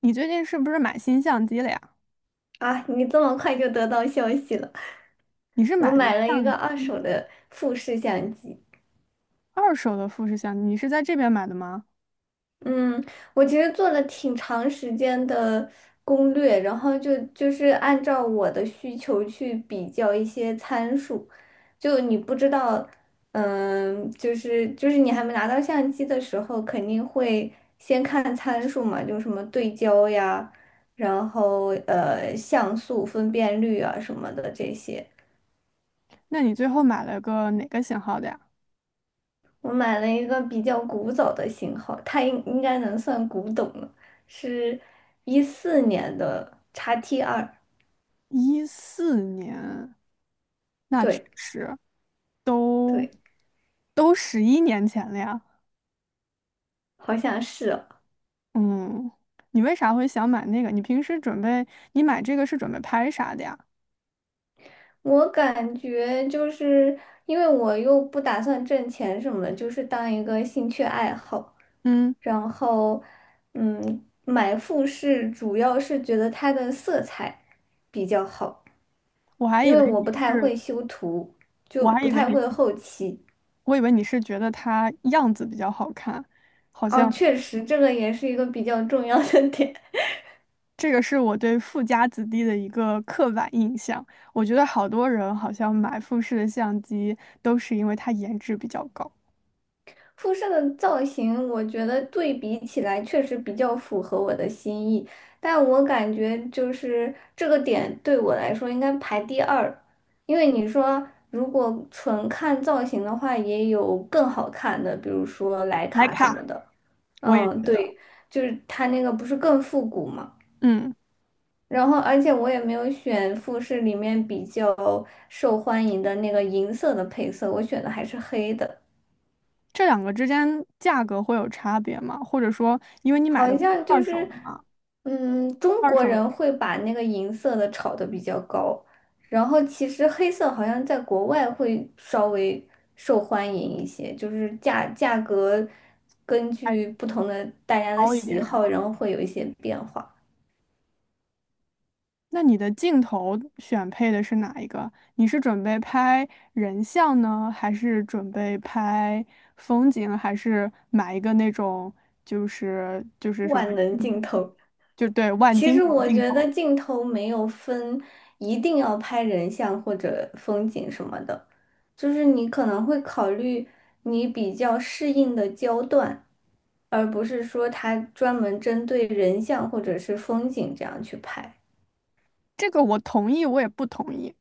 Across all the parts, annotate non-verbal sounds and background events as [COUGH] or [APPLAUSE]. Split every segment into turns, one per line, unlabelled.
你最近是不是买新相机了呀？
啊，你这么快就得到消息了？
你是
我
买的
买了一个
相
二手
机
的富士相机。
二手的富士相机，你是在这边买的吗？
嗯。我其实做了挺长时间的攻略，然后就是按照我的需求去比较一些参数。就你不知道，就是你还没拿到相机的时候，肯定会先看参数嘛，就什么对焦呀，然后像素、分辨率啊什么的这些。
那你最后买了个哪个型号的呀？
我买了一个比较古早的型号，它应该能算古董了，是14年的 XT2。
14年，那确
对
实都
对，
都11年前了呀。
好像是哦。
嗯，你为啥会想买那个？你平时准备你买这个是准备拍啥的呀？
我感觉就是因为我又不打算挣钱什么的，就是当一个兴趣爱好。
嗯，
然后买富士主要是觉得它的色彩比较好，
我还
因
以
为
为
我
你
不太
是，
会修图，就
我还
不
以为
太会
你，
后期。
我以为你是觉得它样子比较好看，好
哦，
像。
确实，这个也是一个比较重要的点。
这个是我对富家子弟的一个刻板印象。我觉得好多人好像买富士的相机都是因为它颜值比较高。
[LAUGHS] 复射的造型，我觉得对比起来确实比较符合我的心意，但我感觉就是这个点对我来说应该排第二，因为你说如果纯看造型的话，也有更好看的，比如说徕
徕
卡什么
卡，
的。
我也
嗯，
觉得，
对，就是它那个不是更复古嘛。
嗯，
然后，而且我也没有选富士里面比较受欢迎的那个银色的配色，我选的还是黑的。
这两个之间价格会有差别吗？或者说，因为你买的
好
不是
像就
二手
是，
的嘛，
嗯，中
二
国
手的
人会把那个银色的炒得比较高，然后其实黑色好像在国外会稍微受欢迎一些，就是价格根
还
据不同的大家的
高一
喜
点是
好，
吗？
然后会有一些变化。
那你的镜头选配的是哪一个？你是准备拍人像呢，还是准备拍风景，还是买一个那种就是什么？
万能镜头。
就对，万
其
金
实
油
我
镜
觉得
头，
镜头没有分一定要拍人像或者风景什么的，就是你可能会考虑你比较适应的焦段，而不是说它专门针对人像或者是风景这样去拍。
这个我同意，我也不同意。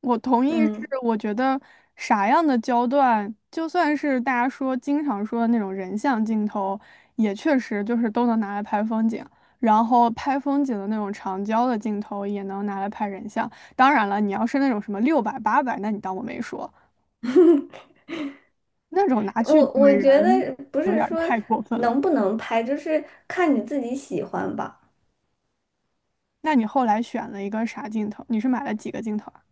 我同意是，
嗯，
我觉得啥样的焦段，就算是大家说经常说的那种人像镜头，也确实就是都能拿来拍风景。然后拍风景的那种长焦的镜头也能拿来拍人像。当然了，你要是那种什么600、800，那你当我没说，那种拿去
我
怼
我觉
人
得不
有
是
点儿
说
太过分了。
能不能拍，就是看你自己喜欢吧。
那你后来选了一个啥镜头？你是买了几个镜头啊？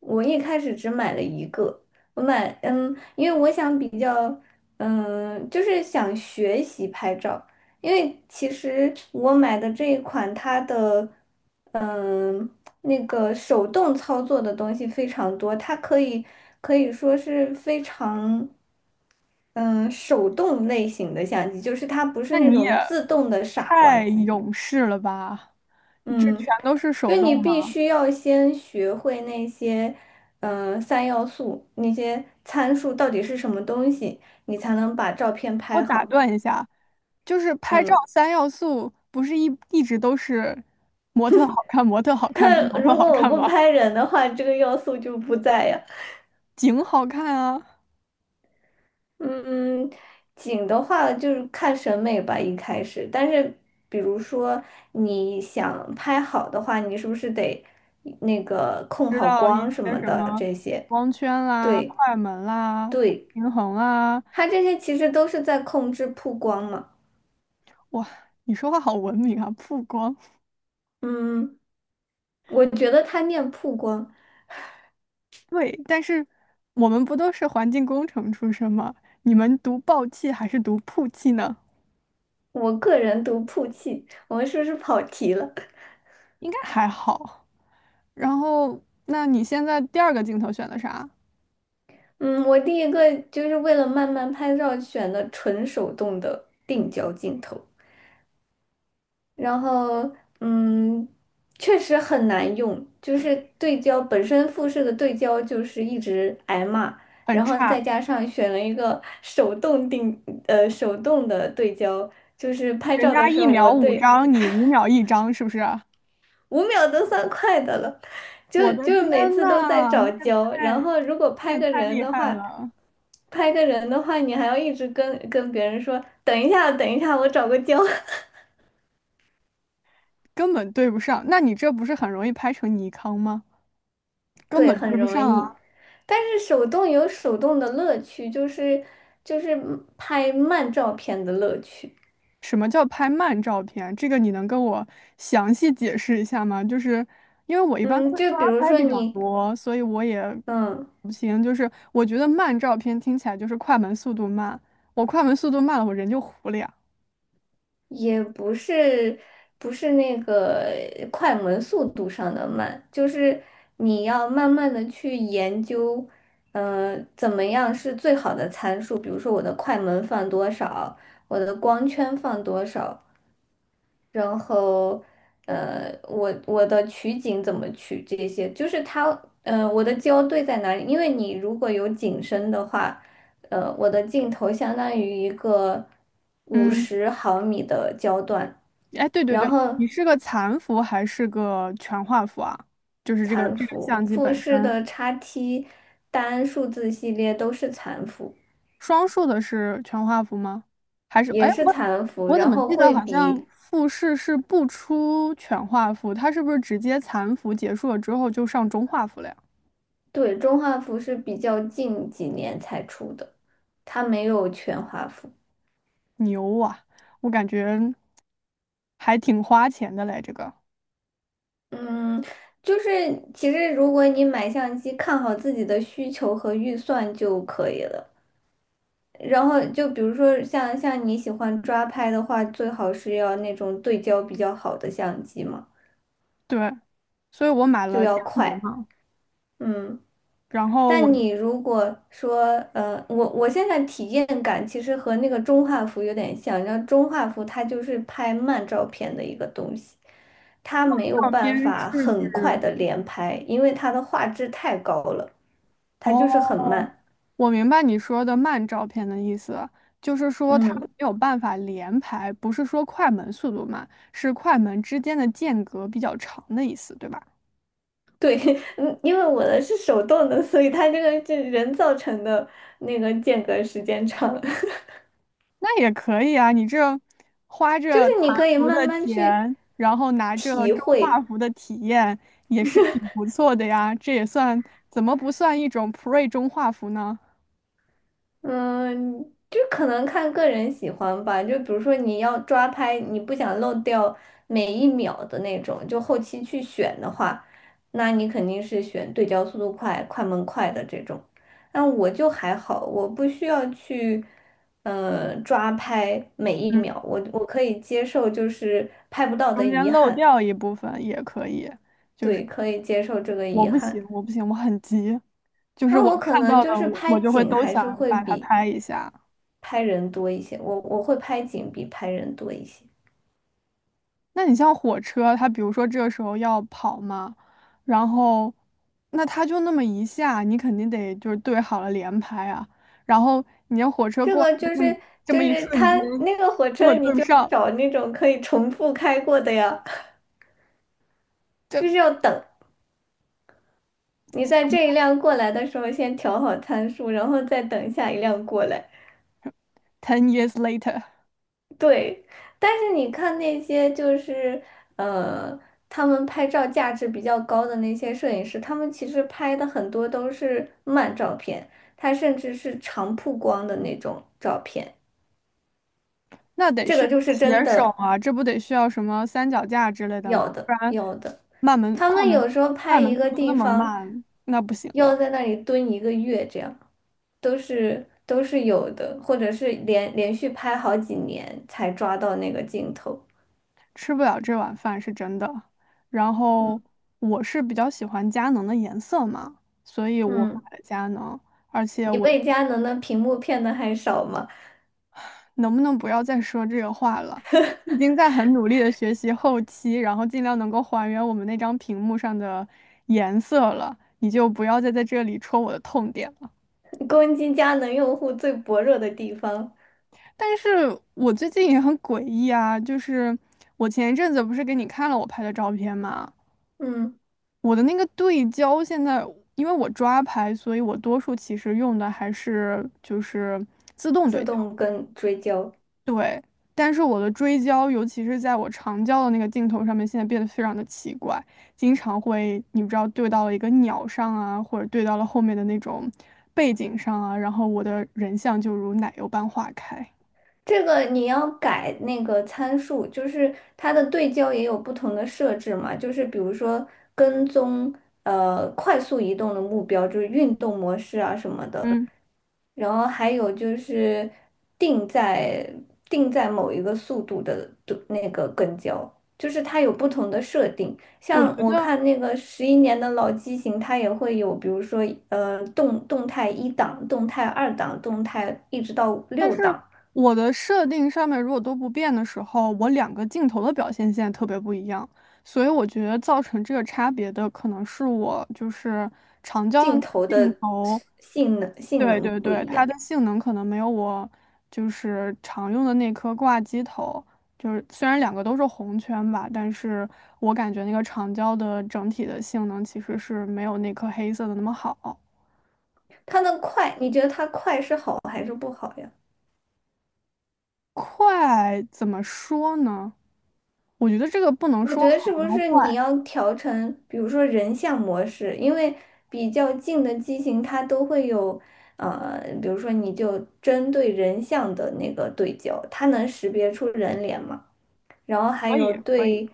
我一开始只买了一个，我买因为我想比较就是想学习拍照，因为其实我买的这一款它的嗯那个手动操作的东西非常多，它可以说是非常嗯手动类型的相机，就是它不是
那
那
你也
种自动的傻瓜
太
机。
勇士了吧？这全
嗯，
都是手
就你
动
必
吗？
须要先学会那些，三要素，那些参数到底是什么东西，你才能把照片
我
拍
打
好。
断一下，就是拍照
嗯，
三要素不是一直都是模特好看、模特好看跟
但
模特
如果
好
我
看
不
吗？
拍人的话，这个要素就不在呀。
景好看啊，
嗯，景的话就是看审美吧，一开始。但是，比如说你想拍好的话，你是不是得那个控
知
好
道一
光什
些
么
什
的
么
这些？
光圈啦、
对
快门啦、
对。
平衡啦。
它这些其实都是在控制曝光嘛。
哇，你说话好文明啊，曝光。
嗯，我觉得它念曝光，
对，但是我们不都是环境工程出身吗？你们读报气还是读曝气呢？
我个人读曝气。我们是不是跑题了？
应该还好。然后，那你现在第二个镜头选的啥？
嗯，我第一个就是为了慢慢拍照选的纯手动的定焦镜头，然后嗯，确实很难用，就是对焦本身富士的对焦就是一直挨骂。
很
然后再
差，
加上选了一个手动定，手动的对焦，就是拍
人
照的
家
时
一
候，我
秒五
对
张，你5秒1张，是不是啊？
五秒都算快的了，就
我的
就
天
每次
呐，
都在
你
找
也
焦，
太，
然后如果
你
拍
也
个
太
人
厉
的
害
话，
了，
拍个人的话，你还要一直跟别人说，等一下，等一下，我找个焦。[LAUGHS]
根本对不上。那你这不是很容易拍成尼康吗？根
对，
本
很
对不
容
上
易。
啊。
但是手动有手动的乐趣，就是拍慢照片的乐趣。
什么叫拍慢照片？这个你能跟我详细解释一下吗？就是因为我一般都
嗯，
是
就
抓
比如
拍
说
比较
你，
多，所以我也
嗯。
不行。就是我觉得慢照片听起来就是快门速度慢，我快门速度慢了，我人就糊了呀。
也不是不是那个快门速度上的慢，就是你要慢慢的去研究，怎么样是最好的参数。比如说我的快门放多少，我的光圈放多少，然后，我的取景怎么取这些，就是它，我的焦对在哪里？因为你如果有景深的话，我的镜头相当于一个五
嗯，
十毫米的焦段。
哎，对对
然
对，
后
你是个残幅还是个全画幅啊？就是这个
残
这个
幅、
相机
富
本
士
身。
的叉 T 单数字系列都是残幅，
双数的是全画幅吗？还是
也
哎，
是
我
残幅，
我怎
然
么
后
记得
会
好像
比。
复试是不出全画幅，它是不是直接残幅结束了之后就上中画幅了呀？
对，中画幅是比较近几年才出的，它没有全画幅。
牛啊！我感觉还挺花钱的嘞，这个。
嗯，就是其实如果你买相机，看好自己的需求和预算就可以了。然后就比如说像你喜欢抓拍的话，最好是要那种对焦比较好的相机嘛，
对，所以我买
就
了佳
要
能
快。
嘛，
嗯，
然后我
但你如果说，我现在体验感其实和那个中画幅有点像，然后中画幅它就是拍慢照片的一个东西，它没有
照片
办
是
法很快
指
的连拍，因为它的画质太高了。它就是
哦，
很慢。
我明白你说的慢照片的意思，就是说它没
嗯，
有办法连拍，不是说快门速度慢，是快门之间的间隔比较长的意思，对吧？
对，[LAUGHS] 嗯，因为我的是手动的，所以它这个是人造成的那个间隔时间长。[LAUGHS]
那也可以啊，你这花
就是
着
你
团
可以
服
慢
的
慢去
钱，然后拿着
体
中画
会。
幅的体验，也是挺不错的呀。这也算怎么不算一种 pre 中画幅呢？
嗯，就可能看个人喜欢吧。就比如说你要抓拍，你不想漏掉每一秒的那种，就后期去选的话，那你肯定是选对焦速度快、快门快的这种。那我就还好，我不需要去，抓拍每一
嗯，
秒，我可以接受，就是拍不到的
中
遗
间漏
憾。
掉一部分也可以。
对，可以接受这个
我
遗
不
憾。
行，我不行，我很急。就是
那
我
我可
看
能
到
就
的，
是
我
拍
我就会
景
都
还
想
是会
把它
比。
拍一下。
拍人多一些，我会拍景比拍人多一些。
那你像火车，它比如说这个时候要跑嘛，然后那它就那么一下，你肯定得就是对好了连拍啊。然后你要火车
这
过来
个
的
就
这么
是
这么一
它
瞬间，
那个火
如果
车，你
对不
就
上，
找那种可以重复开过的呀，[LAUGHS]
这
就是要等你在这一辆过来的时候，先调好参数，然后再等下一辆过来。
ten years later，
对，但是你看那些就是呃，他们拍照价值比较高的那些摄影师，他们其实拍的很多都是慢照片，他甚至是长曝光的那种照片。
那得
这
需
个
要
就是真
铁手
的。
啊，这不得需要什么三脚架之类的吗？
要的
不然
要的，
慢门
他
快
们
门
有时候
快
拍一
门速
个
度那
地
么
方，
慢，那不行
要
的。
在那里蹲一个月，这样都是有的，或者是连续拍好几年才抓到那个镜头。
吃不了这碗饭是真的。然后我是比较喜欢佳能的颜色嘛，所以我
嗯，
买了佳能。而且
你
我
被佳能的屏幕骗的还少吗？
能不能不要再说这个话了？已经在很努力的学习后期，然后尽量能够还原我们那张屏幕上的颜色了。你就不要再在这里戳我的痛点了。
[LAUGHS] 攻击佳能用户最薄弱的地方。
但是我最近也很诡异啊，就是我前一阵子不是给你看了我拍的照片吗？
嗯，
我的那个对焦现在，因为我抓拍，所以我多数其实用的还是就是自动
自
对焦。
动跟追焦。
对，但是我的追焦，尤其是在我长焦的那个镜头上面，现在变得非常的奇怪，经常会你不知道对到了一个鸟上啊，或者对到了后面的那种背景上啊，然后我的人像就如奶油般化开。
这个你要改那个参数，就是它的对焦也有不同的设置嘛，就是比如说跟踪快速移动的目标，就是运动模式啊什么的，
嗯，
然后还有就是定在定在某一个速度的那个跟焦，就是它有不同的设定。
我觉
像我
得。
看那个11年的老机型，它也会有，比如说动态一档、动态二档、动态一直到
但
六
是
档。
我的设定上面如果都不变的时候，我两个镜头的表现现在特别不一样，所以我觉得造成这个差别的可能是我就是长焦的
镜
那
头
个镜
的
头，
性能性
对
能
对
不
对，
一
它
样。
的性能可能没有我就是常用的那颗挂机头，就是虽然两个都是红圈吧，但是我感觉那个长焦的整体的性能其实是没有那颗黑色的那么好。
它的快，你觉得它快是好还是不好呀？
快怎么说呢？我觉得这个不能
我
说
觉得
好
是不
跟
是你
坏，
要调成，比如说人像模式，因为比较近的机型它都会有，比如说你就针对人像的那个对焦，它能识别出人脸吗？然后还
可以
有
可以。
对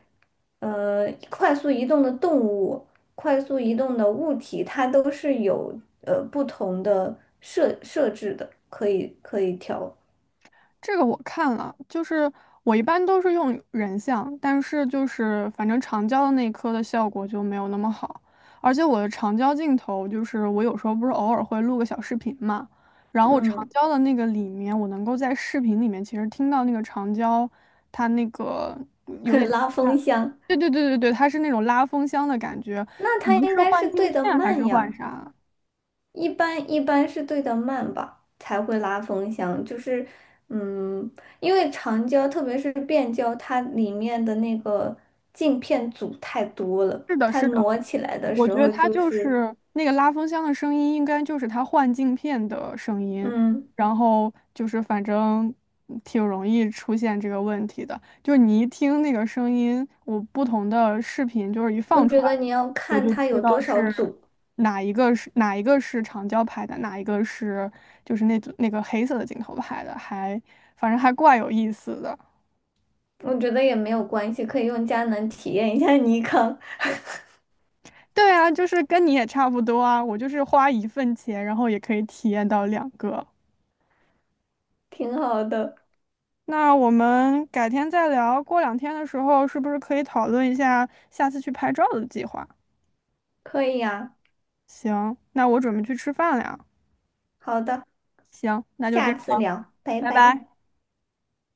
快速移动的动物、快速移动的物体，它都是有不同的设置的，可以调。
这个我看了，就是我一般都是用人像，但是就是反正长焦的那一颗的效果就没有那么好，而且我的长焦镜头就是我有时候不是偶尔会录个小视频嘛，然后我长
嗯，
焦的那个里面，我能够在视频里面其实听到那个长焦它那个
[LAUGHS]
有点像
拉
它，
风箱，
对对对对对，它是那种拉风箱的感觉，
那
可
它
能
应
是
该
换
是
镜
对
片
的
还
慢
是换
呀，
啥？
一般是对的慢吧，才会拉风箱。就是嗯，因为长焦特别是变焦，它里面的那个镜片组太多了，
是的，
它
是的。
挪起来的
我
时
觉得
候
它
就
就
是
是那个拉风箱的声音，应该就是它换镜片的声音，
嗯。
然后就是反正挺容易出现这个问题的。就是你一听那个声音，我不同的视频就是一
我
放出
觉
来，
得你要
我
看
就
它
知
有
道
多少
是
组，
哪一个是长焦拍的，哪一个是就是那组那个黑色的镜头拍的，还反正还怪有意思的。
我觉得也没有关系，可以用佳能体验一下尼康，
对啊，就是跟你也差不多啊，我就是花一份钱，然后也可以体验到两个。
挺好的，
那我们改天再聊，过两天的时候是不是可以讨论一下下次去拍照的计划？
可以呀、
行，那我准备去吃饭了呀。
好的，
行，那就这
下
样。
次聊，拜拜。